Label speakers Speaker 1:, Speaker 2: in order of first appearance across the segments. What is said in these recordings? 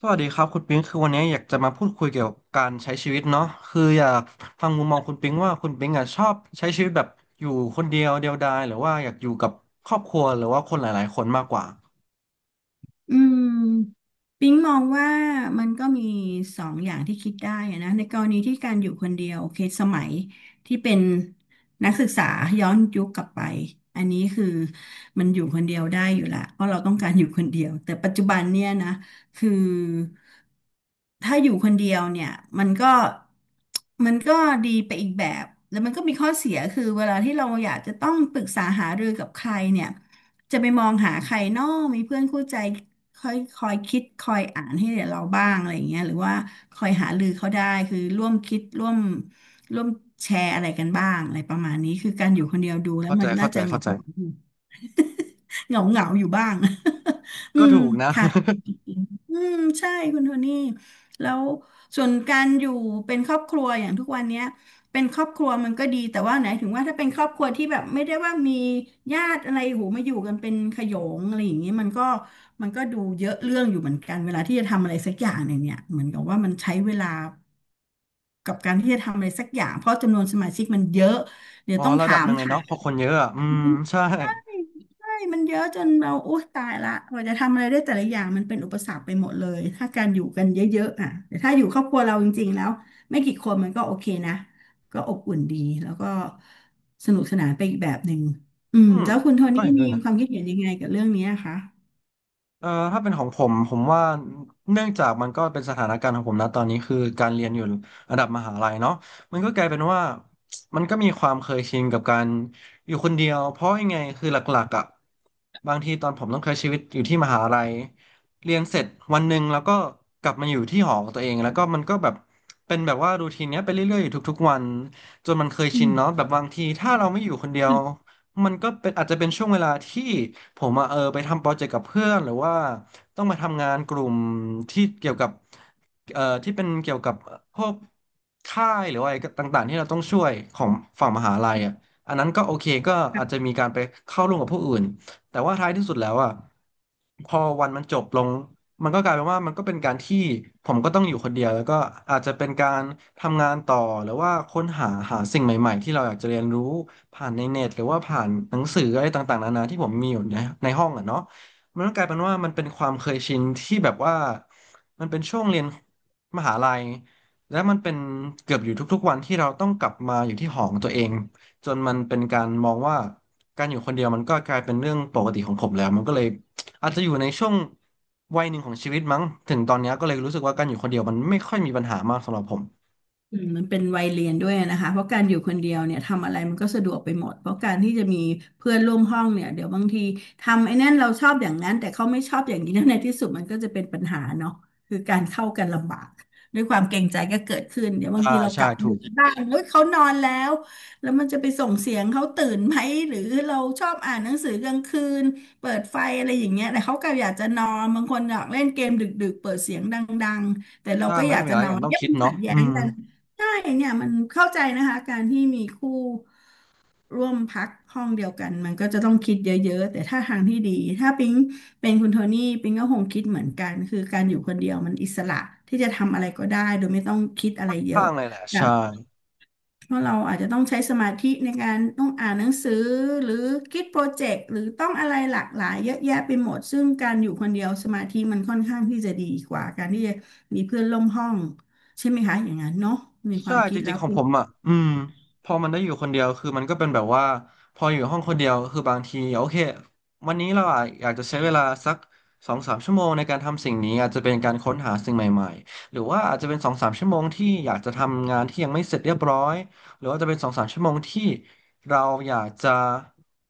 Speaker 1: สวัสดีครับคุณปิงคือวันนี้อยากจะมาพูดคุยเกี่ยวกับการใช้ชีวิตเนาะคืออยากฟังมุมมองคุณปิงว่าคุณปิงอ่ะชอบใช้ชีวิตแบบอยู่คนเดียวเดียวดายหรือว่าอยากอยู่กับครอบครัวหรือว่าคนหลายๆคนมากกว่า
Speaker 2: อืมปิ๊งมองว่ามันก็มีสองอย่างที่คิดได้อะนะในกรณีที่การอยู่คนเดียวโอเคสมัยที่เป็นนักศึกษาย้อนยุคกลับไปอันนี้คือมันอยู่คนเดียวได้อยู่ละเพราะเราต้องการอยู่คนเดียวแต่ปัจจุบันเนี่ยนะคือถ้าอยู่คนเดียวเนี่ยมันก็มันก็ดีไปอีกแบบแล้วมันก็มีข้อเสียคือเวลาที่เราอยากจะต้องปรึกษาหารือกับใครเนี่ย จะไปมองหาใครเนอกมีเพื่อนคู่ใจคอยคิดคอยอ่านให้เราบ้างอะไรอย่างเงี้ยหรือว่าคอยหารือเขาได้คือร่วมคิดร่วมแชร์อะไรกันบ้างอะไรประมาณนี้คือการอยู่คนเดียวดูแล้ว
Speaker 1: เข้าใจ
Speaker 2: มันน่า
Speaker 1: เข้าใจ
Speaker 2: จะเห
Speaker 1: เข้า
Speaker 2: งา
Speaker 1: ใจ
Speaker 2: เหงา เหงาอยู่บ้าง อื
Speaker 1: ก็
Speaker 2: ม
Speaker 1: ถูกนะ
Speaker 2: ค่ะอืมใช่คุณโทนี่แล้วส่วนการอยู่เป็นครอบครัวอย่างทุกวันเนี้ย เป็นครอบครัวมันก็ดีแต่ว่าไหนถึงว่าถ้าเป็นครอบครัวที่แบบไม่ได้ว่ามีญาติอะไรหูมาอยู่กันเป็นขโยงอะไรอย่างนี้มันก็ดูเยอะเรื่องอยู่เหมือนกันเวลาที่จะทำอะไรสักอย่างหนึ่งเนี่ยเหมือนกับว่ามันใช้เวลากับการที่จะทำอะไรสักอย่างเพราะจำนวนสมาชิกมันเยอะเดี๋ ย
Speaker 1: อ๋
Speaker 2: ว
Speaker 1: อ
Speaker 2: ต้อง
Speaker 1: ระ
Speaker 2: ถา
Speaker 1: ดับห
Speaker 2: ม
Speaker 1: นึ่งเลย
Speaker 2: ถา
Speaker 1: เนาะเพอคนเยอะอะอืม
Speaker 2: ม
Speaker 1: ใช่
Speaker 2: ใช่ มันเยอะจนเราโอ๊ยตายละกว่าจะทำอะไรได้แต่ละอย่าง มันเป็นอุปสรรคไปหมดเลย ถ้าการอยู่กันเยอะๆอ่ะแต่ถ้าอยู่ครอบครัวเราจริงๆแล้วไม่กี่คนมันก็โอเคนะ ก็อบอุ่นดีแล้วก็สนุกสนานไปอีกแบบหนึ่งอืม
Speaker 1: อืม
Speaker 2: แล้วคุณโท
Speaker 1: ก็
Speaker 2: นี่
Speaker 1: เห็นด้
Speaker 2: มี
Speaker 1: วยนะ
Speaker 2: ความคิดเห็นยังไงกับเรื่องนี้อะคะ
Speaker 1: ถ้าเป็นของผมผมว่าเนื่องจากมันก็เป็นสถานการณ์ของผมนะตอนนี้คือการเรียนอยู่ระดับมหาลัยเนาะมันก็กลายเป็นว่ามันก็มีความเคยชินกับการอยู่คนเดียวเพราะยังไงคือหลักๆอ่ะบางทีตอนผมต้องใช้ชีวิตอยู่ที่มหาลัยเรียนเสร็จวันหนึ่งแล้วก็กลับมาอยู่ที่หอของตัวเองแล้วก็มันก็แบบเป็นแบบว่ารูทีนเนี้ยไปเรื่อยๆอยู่ทุกๆวันจนมันเคย
Speaker 2: อื
Speaker 1: ชินเนาะ
Speaker 2: ม
Speaker 1: แบบบางทีถ้าเราไม่อยู่คนเดียว มันก็เป็นอาจจะเป็นช่วงเวลาที่ผมอะไปทำโปรเจกต์กับเพื่อนหรือว่าต้องมาทำงานกลุ่มที่เกี่ยวกับที่เป็นเกี่ยวกับพวกค่ายหรือว่าอะไรต่างๆที่เราต้องช่วยของฝั่งมหาลัยอ่ะอันนั้นก็โอเคก็อาจจะมีการไปเข้าร่วมกับผู้อื่นแต่ว่าท้ายที่สุดแล้วอ่ะพอวันมันจบลงมันก็กลายเป็นว่ามันก็เป็นการที่ผมก็ต้องอยู่คนเดียวแล้วก็อาจจะเป็นการทำงานต่อหรือว่าค้นหาสิ่งใหม่ๆที่เราอยากจะเรียนรู้ ผ่านในเน็ตหรือว่าผ่านหนังสืออะไรต่างๆนานาที่ผมมีอยู่ในห้องอ่ะเนาะมันก็กลายเป็นว่ามันเป็นความเคยชินที่แบบว่ามันเป็นช่วงเรียนมหาลัยและมันเป็นเกือบอยู่ทุกๆวันที่เราต้องกลับมาอยู่ที่หอของตัวเองจนมันเป็นการมองว่าการอยู่คนเดียวมันก็กลายเป็นเรื่องปกติของผมแล้วมันก็เลยอาจจะอยู่ในช่วงวัยหนึ่งของชีวิตมั้งถึงตอนเนี้ยก็เลยรู้สึกว่าการอยู่คนเดียวมันไม่ค่อยมีปัญหามากสำหรับผม
Speaker 2: อืมมันเป็นวัยเรียนด้วยนะคะเพราะการอยู่คนเดียวเนี่ยทำอะไรมันก็สะดวกไปหมดเพราะการที่จะมีเพื่อนร่วมห้องเนี่ยเดี๋ยวบางทีทำไอ้นั่นเราชอบอย่างนั้นแต่เขาไม่ชอบอย่างนี้แล้วในที่สุดมันก็จะเป็นปัญหาเนาะคือการเข้ากันลำบากด้วยความเกรงใจก็เกิดขึ้นเดี๋ยวบาง
Speaker 1: อ่า
Speaker 2: ทีเราก
Speaker 1: ใช่
Speaker 2: ลับ
Speaker 1: ถู
Speaker 2: ดึ
Speaker 1: ก
Speaker 2: กบ้างเฮ้ยเขานอนแล้วแล้วมันจะไปส่งเสียงเขาตื่นไหมหรือเราชอบอ่านหนังสือกลางคืนเปิดไฟอะไรอย่างเงี้ยแต่เขาก็อยากจะนอนบางคนอยากเล่นเกมดึกๆเปิดเสียงดังๆแต่เรา
Speaker 1: ถ้า
Speaker 2: ก็
Speaker 1: มั
Speaker 2: อ
Speaker 1: น
Speaker 2: ยา
Speaker 1: ก็
Speaker 2: ก
Speaker 1: มี
Speaker 2: จะ
Speaker 1: อะไร
Speaker 2: นอ
Speaker 1: อย่า
Speaker 2: น
Speaker 1: งต้อง
Speaker 2: เนี่ย
Speaker 1: คิด
Speaker 2: มัน
Speaker 1: เนาะ
Speaker 2: ขัดแย้
Speaker 1: อื
Speaker 2: ง
Speaker 1: ม
Speaker 2: กัน ใช่เนี่ยมันเข้าใจนะคะการที่มีคู่ร่วมพักห้องเดียวกันมันก็จะต้องคิดเยอะๆแต่ถ้าทางที่ดีถ้าปิ๊งเป็นคุณโทนี่ปิ๊งก็คงคิดเหมือนกันคือการอยู่คนเดียวมันอิสระที่จะทำอะไรก็ได้โดยไม่ต้องคิดอะไรเยอะ
Speaker 1: ข้างเลยแหละ
Speaker 2: อย่าง
Speaker 1: ใช่
Speaker 2: เพราะเราอาจจะต้องใช้สมาธิในการต้องอ่านหนังสือหรือคิดโปรเจกต์หรือต้องอะไรหลากหลายเยอะแยะไปหมดซึ่งการอยู่คนเดียวสมาธิมันค่อนข้างที่จะดีกว่าการที่จะมีเพื่อนร่วมห้องใช่ไหมคะอย่างนั้นเนาะในค
Speaker 1: ใช่
Speaker 2: วามคิ
Speaker 1: จ
Speaker 2: ดแล้
Speaker 1: ริง
Speaker 2: ว
Speaker 1: ๆของ
Speaker 2: ปิ๊
Speaker 1: ผ
Speaker 2: ง
Speaker 1: มอ่ะอืมพอมันได้อยู่คนเดียวคือมันก็เป็นแบบว่าพออยู่ห้องคนเดียวคือบางทีโอเควันนี้เราอะอยากจะใช้เวลาสักสองสามชั่วโมงในการทำสิ่งนี้อาจจะเป็นการค้นหาสิ่งใหม่ๆหรือว่าอาจจะเป็นสองสามชั่วโมงที่อยากจะทำงานที่ยังไม่เสร็จเรียบร้อยหรือว่าจะเป็นสองสามชั่วโมงที่เราอยากจะ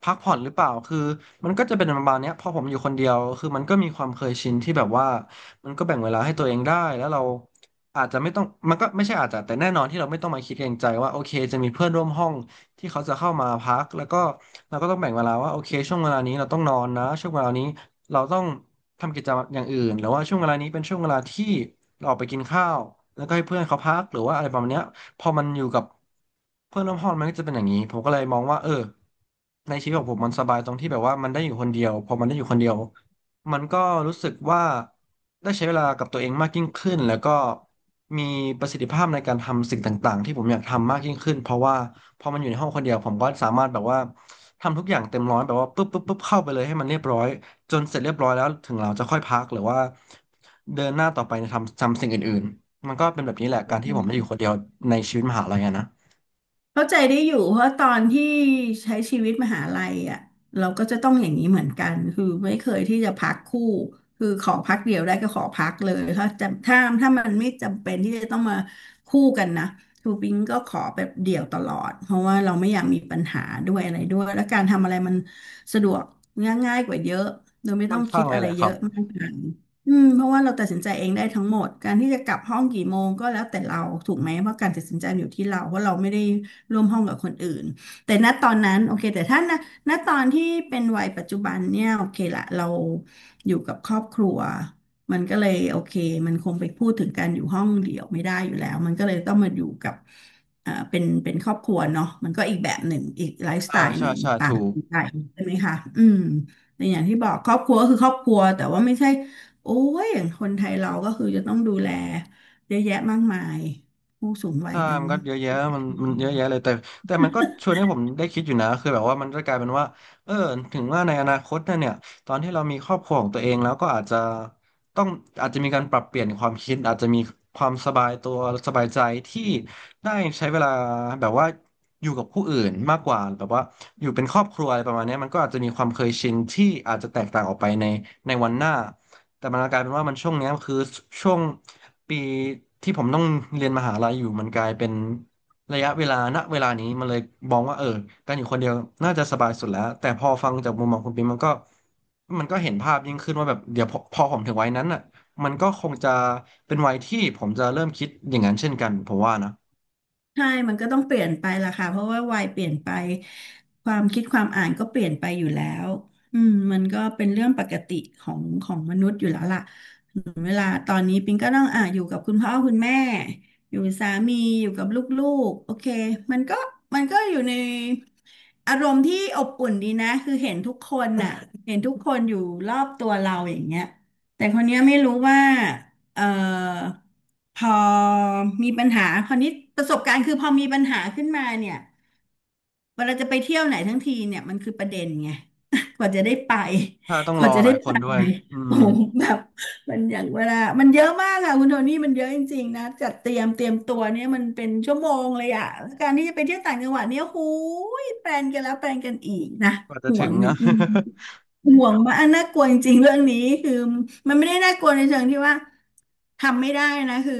Speaker 1: พักผ่อนหรือเปล่าคือมันก็จะเป็นประมาณเนี้ยพอผมอยู่คนเดียวคือมันก็มีความเคยชินที่แบบว่า มันก็แบ่งเวลาให้ตัวเองได้ แล้วเราอาจจะไม่ต้องมันก็ไม่ใช่อาจจะแต่แน่นอนที่เราไม่ต้องมาคิดเกรงใจว่าโอเคจะมีเพื่อนร่วมห้องที่เขาจะเข้ามาพักแล้วก็เราก็ต้องแบ่งเวลาว่าโอเคช่วงเวลานี้เราต้องนอนนะ ช่วงเวลานี้เราต้องทำกิจกรรมอย่างอื่นหรือว่าช่วงเวลานี้เป็นช่วงเวลาที่เราออกไปกินข้าวแล้วก็ให้เพื่อนเขาพักหรือว่าอะไรประมาณเนี้ยพอมันอยู่กับเพื่อนร่วมห้องมันก็จะเป็นอย่างนี้ผมก็เลยมองว่าเออในชีวิตของผมมันสบายตรงที่แบบว่ามันได้อยู่คนเดียวพอมันได้อยู่คนเดียวมันก็รู้สึกว่า ได้ใช้เวลากับตัวเองมากยิ่งขึ้นแล้วก็มีประสิทธิภาพในการทำสิ่งต่างๆที่ผมอยากทำมากยิ่งขึ้นเพราะว่าพอมันอยู่ในห้องคนเดียวผมก็สามารถแบบว่าทำทุกอย่างเต็มร้อยแบบว่าปุ๊บปุ๊บปุ๊บเข้าไปเลยให้มันเรียบร้อยจนเสร็จเรียบร้อยแล้วถึงเราจะค่อยพักหรือว่าเดินหน้าต่อไปในทำสิ่งอื่นๆมันก็เป็นแบบนี้แหละการที่ผมได้อยู่คนเดียวในชีวิตมหาลัยอะนะ
Speaker 2: เข้าใจได้อยู่เพราะตอนที่ใช้ชีวิตมหาลัยอ่ะเราก็จะต้องอย่างนี้เหมือนกันคือไม่เคยที่จะพักคู่คือขอพักเดียวได้ก็ขอพักเลยถ้าจะถ้ามันไม่จำเป็นที่จะต้องมาคู่กันนะคือปิงก็ขอแบบเดี่ยวตลอดเพราะว่าเราไม่อยากมีปัญหาด้วยอะไรด้วยแล้วการทำอะไรมันสะดวกง่ายๆกว่าเยอะโดยไม่
Speaker 1: ค่
Speaker 2: ต้
Speaker 1: อ
Speaker 2: อ
Speaker 1: น
Speaker 2: งคิ
Speaker 1: ข้าง
Speaker 2: ด
Speaker 1: เล
Speaker 2: อะ
Speaker 1: ย
Speaker 2: ไร
Speaker 1: แหละค
Speaker 2: เย
Speaker 1: รับ
Speaker 2: อะมากมายอืมเพราะว่าเราตัดสินใจเองได้ทั้งหมดการที่จะกลับห้องกี่โมงก็แล้วแต่เราถูกไหมเพราะการตัดสินใจอยู่ที่เราเพราะเราไม่ได้ ร่วมห้องกับคนอื่นแต่ณตอนนั้นโอเคแต่ถ้าณตอนที่เป็นวัยปัจจุบันเนี่ยโอเคละเราอยู่กับครอบครัวมันก็เลยโอเคมันคงไปพูดถึงการอยู่ห้องเดี่ยวไม่ได้อยู่แล้วมันก็เลยต้องมาอยู่กับเป็นครอบครัวเนาะมันก็อีกแบบหนึ่งอีกไลฟ์สไต
Speaker 1: อ่า
Speaker 2: ล์ห
Speaker 1: ใช่
Speaker 2: นึ่ง
Speaker 1: ใช่
Speaker 2: ต่า
Speaker 1: ถู
Speaker 2: ง
Speaker 1: ก
Speaker 2: กันใช่ไหมคะอืมแต่อย่างที่บอกครอบครัวก็คือครอบครัวแต่ว่าไม่ใช่โอ้ยอย่างคนไทยเราก็คือจะต้องดูแลเยอะแยะมากมายผู้สูงวัย
Speaker 1: ใช่
Speaker 2: กัน
Speaker 1: มันก็เยอะแยะมันเยอะแยะเลยแต่มันก็ชวนให้ผมได้คิดอยู่นะคือแบบว่ามันจะกลายเป็นว่าเออถึงว่าในอนาคตนะเนี่ยตอนที่เรามีครอบครัวของตัวเองแล้วก็อาจจะต้องอาจจะมีการปรับเปลี่ยนความคิดอาจจะมีความสบายตัว สบายใจที่ได้ใช้เวลาแบบว่าอยู่กับผู้อื่นมากกว่าแบบว่า อยู่เป็นครอบครัวอะไรประมาณเนี้ยมันก็อาจจะมีความเคยชินที่อาจจะแตกต่างออกไปในในวันหน้า แต่มันกลายเป็นว่ามันช่วงเนี้ยคือช่วงปีที่ผมต้องเรียนมหาลัยอยู่มันกลายเป็นระยะเวลาณเวลานี้มันเลยมองว่าการอยู่คนเดียวน่าจะสบายสุดแล้วแต่พอฟังจากมุมมองคุณปิ๊มมันก็มันก็เห็นภาพยิ่งขึ้นว่าแบบเดี๋ยวพอผมถึงวัยนั้นอ่ะมันก็คงจะเป็นวัยที่ผมจะเริ่มคิดอย่างนั้นเช่นกันผมว่านะ
Speaker 2: ใช่มันก็ต้องเปลี่ยนไปล่ะค่ะเพราะว่าวัยเปลี่ยนไปความคิดความอ่านก็เปลี่ยนไปอยู่แล้วอืมมันก็เป็นเรื่องปกติของมนุษย์อยู่แล้วล่ะเวลาตอนนี้ปิงก็ต้องอ่ะอยู่กับคุณพ่อคุณแม่อยู่กับสามีอยู่กับลูกๆโอเคมันก็มันก็อยู่ในอารมณ์ที่อบอุ่นดีนะคือเห็นทุกคนน่ะเห็นทุกคนอยู่รอบตัวเราอย่างเงี้ยแต่คนเนี้ยไม่รู้ว่า เอ่อพอมีปัญหาคราวนี้ประสบการณ์คือพอมีปัญหาขึ้นมาเนี่ยเวลาจะไปเที่ยวไหนทั้งทีเนี่ยมันคือประเด็นไง กว่าจะได้ไป
Speaker 1: ถ้าต้อง
Speaker 2: ก
Speaker 1: รอ
Speaker 2: ว่าจะ
Speaker 1: ห
Speaker 2: ได้
Speaker 1: ลายค
Speaker 2: ไป
Speaker 1: นด้วยอืม
Speaker 2: โอ้โหแบบมันอย่างเวลามันเยอะมากค่ะคุณโทนี่มันเยอะจริงๆนะจัดเตรียมตัวเนี่ยมันเป็นชั่วโมงเลยอะแล้วการที่จะไปเที่ยวต่างจังหวัดเนี่ยหูยแปลนกันแล้วแปลนกันอีกนะ
Speaker 1: กว่าจะ
Speaker 2: ห่ว
Speaker 1: ถึ
Speaker 2: ง
Speaker 1: ง
Speaker 2: นิ
Speaker 1: นะ
Speaker 2: ดนึงห่วงมากอันน่ากลัวจริงๆเรื่องนี้คือมันไม่ได้น่ากลัวในเชิงที่ว่า ทำไม่ได้นะคือ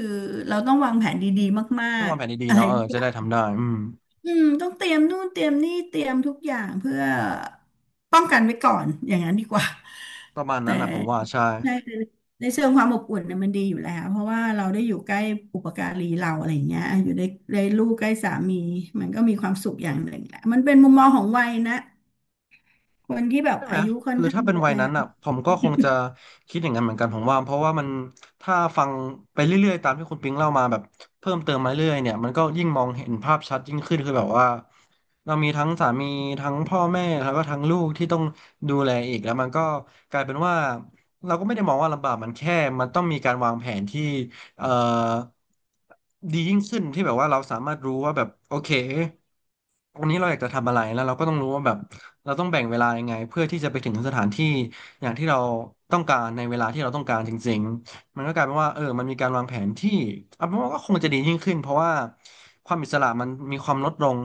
Speaker 2: เราต้องวางแผนดีๆมา
Speaker 1: ต้อง
Speaker 2: ก
Speaker 1: วางแผน
Speaker 2: ๆ
Speaker 1: ดี
Speaker 2: อะ
Speaker 1: ๆ
Speaker 2: ไร
Speaker 1: เนาะ เออ
Speaker 2: ทุกอ
Speaker 1: จะ
Speaker 2: ย่า
Speaker 1: ได้
Speaker 2: ง
Speaker 1: ทำได้อืม
Speaker 2: อืมต้องเตรียมนู่นเตรียมนี่เตรียมทุกอย่างเพื่อป้องกันไว้ก่อนอย่างนั้นดีกว่า
Speaker 1: ประมาณ
Speaker 2: แต่
Speaker 1: นั้นนะผมว่าใช่
Speaker 2: ใช่แต่ในเชิงความอบอุ่นเนี่ยมันดีอยู่แล้วเพราะว่าเราได้อยู่ใกล้อุปการีเราอะไรอย่างเงี้ยอยู่ในลูกใกล้สามีมันก็มีความสุขอย่างหนึ่งแหละมันเป็นมุมมองของวัยนะคนที่แบบ
Speaker 1: ใช่ไหม
Speaker 2: อายุค่อน
Speaker 1: คือ
Speaker 2: ข้าง
Speaker 1: ถ้าเป็
Speaker 2: เย
Speaker 1: น
Speaker 2: อะ
Speaker 1: วัย
Speaker 2: แล้ว
Speaker 1: นั้นอ่ะผมก็คงจะคิดอย่างนั้นเหมือนกันผมว่าเพราะว่ามันถ้าฟังไปเรื่อยๆตามที่คุณปิงเล่ามาแบบเพิ่มเติมมาเรื่อยๆเนี่ยมันก็ยิ่งมองเห็นภาพชัดยิ่งขึ้นคือแบบว่าเรามีทั้งสามีทั้งพ่อแม่แล้วก็ทั้งลูกที่ต้องดูแลอีกแล้วมันก็กลายเป็นว่าเราก็ไม่ได้มองว่าลำบากมันแค่มันต้องมีการวางแผนที่ เอ่อดียิ่งขึ้นที่แบบว่าเราสามารถรู้ว่าแบบโอเควันนี้เราอยากจะทำอะไรแล้วเราก็ต้องรู้ว่าแบบเราต้องแบ่งเวลายังไงเพื่อที่จะไปถึงสถานที่อย่างที่เราต้องการในเวลาที่เราต้องการจริงๆมันก็กลายเป็นว่ามันมีการวางแผนที่เอาเป็นว่าก็คงจะดียิ่งขึ้นเพราะว่าความอิสระมันมีความลดลง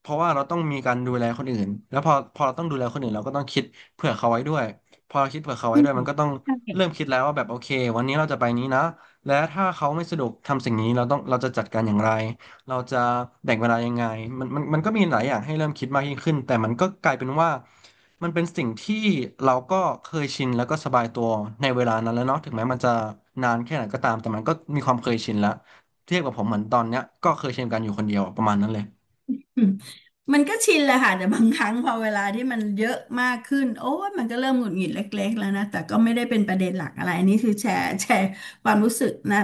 Speaker 1: เพราะว่าเราต้องมีการดูแลคนอื่นแล้วพอเราต้องดูแลคนอื่นเราก็ต้องคิดเผื่อเขาไว้ด้วยพอเราคิดเผื่อเขาไว้
Speaker 2: อื
Speaker 1: ด้วยมั
Speaker 2: ม
Speaker 1: นก็ต้อง
Speaker 2: ใช
Speaker 1: เริ่ม
Speaker 2: ่
Speaker 1: คิดแล้วว่าแบบโอเควันนี้เราจะไปนี้นะ และถ้าเขาไม่สะดวกทำสิ่งนี้เราต้องเราจะจัดการอย่างไรเราจะแบ่งเวลายังไงมันก็มีหลายอย่างให้เริ่มคิดมากยิ่งขึ้นแต่มันก็กลายเป็นว่ามันเป็นสิ่งที่เราก็เคยชินแล้วก็สบายตัวในเวลานั้นแล้วเนาะถึงแม้มันจะนานแค่ไหนก็ตามแต่มันก็มีความเคยชินแล้วเทียบกับผมเหมือนตอนเนี้ยก็เคยชินกันอยู่คนเดียวประมาณนั้นเลย
Speaker 2: มันก็ชินแหละค่ะแต่บางครั้งพอเวลาที่มันเยอะมากขึ้นโอ้ยมันก็เริ่มหงุดหงิดเล็กๆแล้วนะแต่ก็ไม่ได้เป็นประเด็นหลักอะไรอันนี้คือแชร์ความรู้สึกนะ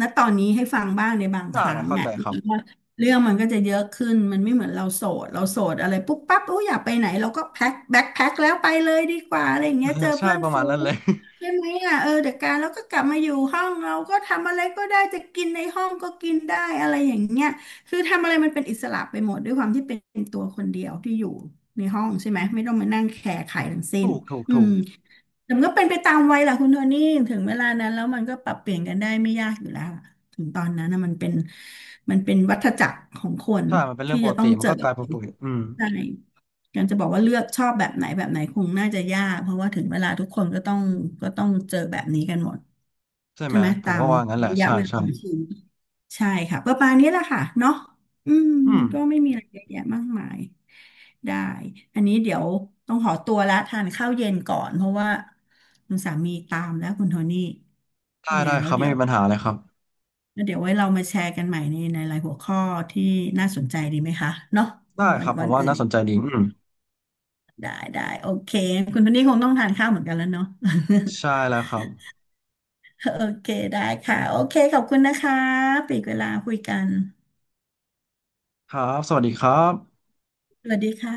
Speaker 2: ณตอนนี้ให้ฟังบ้างในบางค
Speaker 1: ใช่
Speaker 2: รั้
Speaker 1: และ
Speaker 2: ง
Speaker 1: เข้าใจ
Speaker 2: อ่ะ
Speaker 1: ครับ
Speaker 2: ว่าเรื่องมันก็จะเยอะขึ้นมันไม่เหมือนเราโสดอะไรปุ๊บปั๊บโอ้ยอยากไปไหนเราก็แพ็คแบ็คแพ็คแล้วไปเลยดีกว่าอะไรอย่าง
Speaker 1: เอ
Speaker 2: เงี้
Speaker 1: อ
Speaker 2: ยเจอ
Speaker 1: ใช่
Speaker 2: เพื่อน
Speaker 1: ประมา
Speaker 2: ฝู
Speaker 1: ณนั้น
Speaker 2: ง
Speaker 1: เลย
Speaker 2: ใช่ไหมอ่ะเออเดี๋ยวการแล้วก็กลับมาอยู่ห้องเราก็ทำอะไรก็ได้จะกินในห้องก็กินได้อะไรอย่างเงี้ย คือทำอะไรมันเป็นอิสระไปหมดด้วยความที่เป็นตัวคนเดียวที่อยู่ในห้องใช่ไหมไม่ต้องมานั่งแคร์ใครทั้งสิ้น
Speaker 1: ถูกถูก
Speaker 2: อื
Speaker 1: ถู
Speaker 2: ม
Speaker 1: ก
Speaker 2: แต่มันก็เป็นไปตามวัยแหละคุณโทนี่ถึงเวลานั้นแล้วมันก็ปรับเปลี่ยนกันได้ไม่ยากอยู่แล้วล่ะถึงตอนนั้นนะมันเป็นวัฏจักรของคน
Speaker 1: ใช่มันเป็นเรื่อ
Speaker 2: ที่
Speaker 1: งป
Speaker 2: จะ
Speaker 1: ก
Speaker 2: ต้อ
Speaker 1: ติ
Speaker 2: ง
Speaker 1: มัน
Speaker 2: เจอ
Speaker 1: ก็กลายเป็นปกติอืม
Speaker 2: ใช่การจะบอกว่าเลือกชอบแบบไหนแบบไหนคงน่าจะยากเพราะว่าถึงเวลาทุกคนก็ต้องเจอแบบนี้กันหมด
Speaker 1: ใช่ไห
Speaker 2: ใช่
Speaker 1: ม
Speaker 2: ไหม
Speaker 1: ผ
Speaker 2: ตา
Speaker 1: มก็
Speaker 2: ม
Speaker 1: ว่างั้นแหละ
Speaker 2: ระยะ
Speaker 1: ใช่
Speaker 2: เวลา
Speaker 1: ใช่
Speaker 2: ของชีวิต ใช่ค่ะประมาณนี้แหละค่ะเนาะอืม
Speaker 1: อืม
Speaker 2: ก็ไม่มีอะไรเยอะแยะมากมายได้อันนี้เดี๋ยวต้องขอตัวละทานข้าวเย็นก่อนเพราะว่าคุณสามีตามแล้วคุณโทนี่
Speaker 1: ได้
Speaker 2: ยังไง
Speaker 1: ได้
Speaker 2: แล้
Speaker 1: ค
Speaker 2: ว
Speaker 1: รับ
Speaker 2: เดี๋
Speaker 1: ไม่
Speaker 2: ยว
Speaker 1: มีปัญหาเลยครับ
Speaker 2: แล้วเดี๋ยวไว้เรามาแชร์กันใหม่ในรายหัวข้อที่น่าสนใจดีไหมคะเนาะ
Speaker 1: ได้
Speaker 2: วั
Speaker 1: ค
Speaker 2: น
Speaker 1: รับผ
Speaker 2: วั
Speaker 1: ม
Speaker 2: น
Speaker 1: ว่า
Speaker 2: อื่น
Speaker 1: น่าส
Speaker 2: อีก
Speaker 1: นใจดีอืม
Speaker 2: ได้ได้โอเคคุณโทนี่คงต้องทานข้าวเหมือนกันแล้วเนาะ
Speaker 1: ใช่แล้วครับ
Speaker 2: โอเคได้ค่ะโอเคขอบคุณนะคะปีกเวลาคุยกัน
Speaker 1: ครับสวัสดีครับ
Speaker 2: สวัสดีค่ะ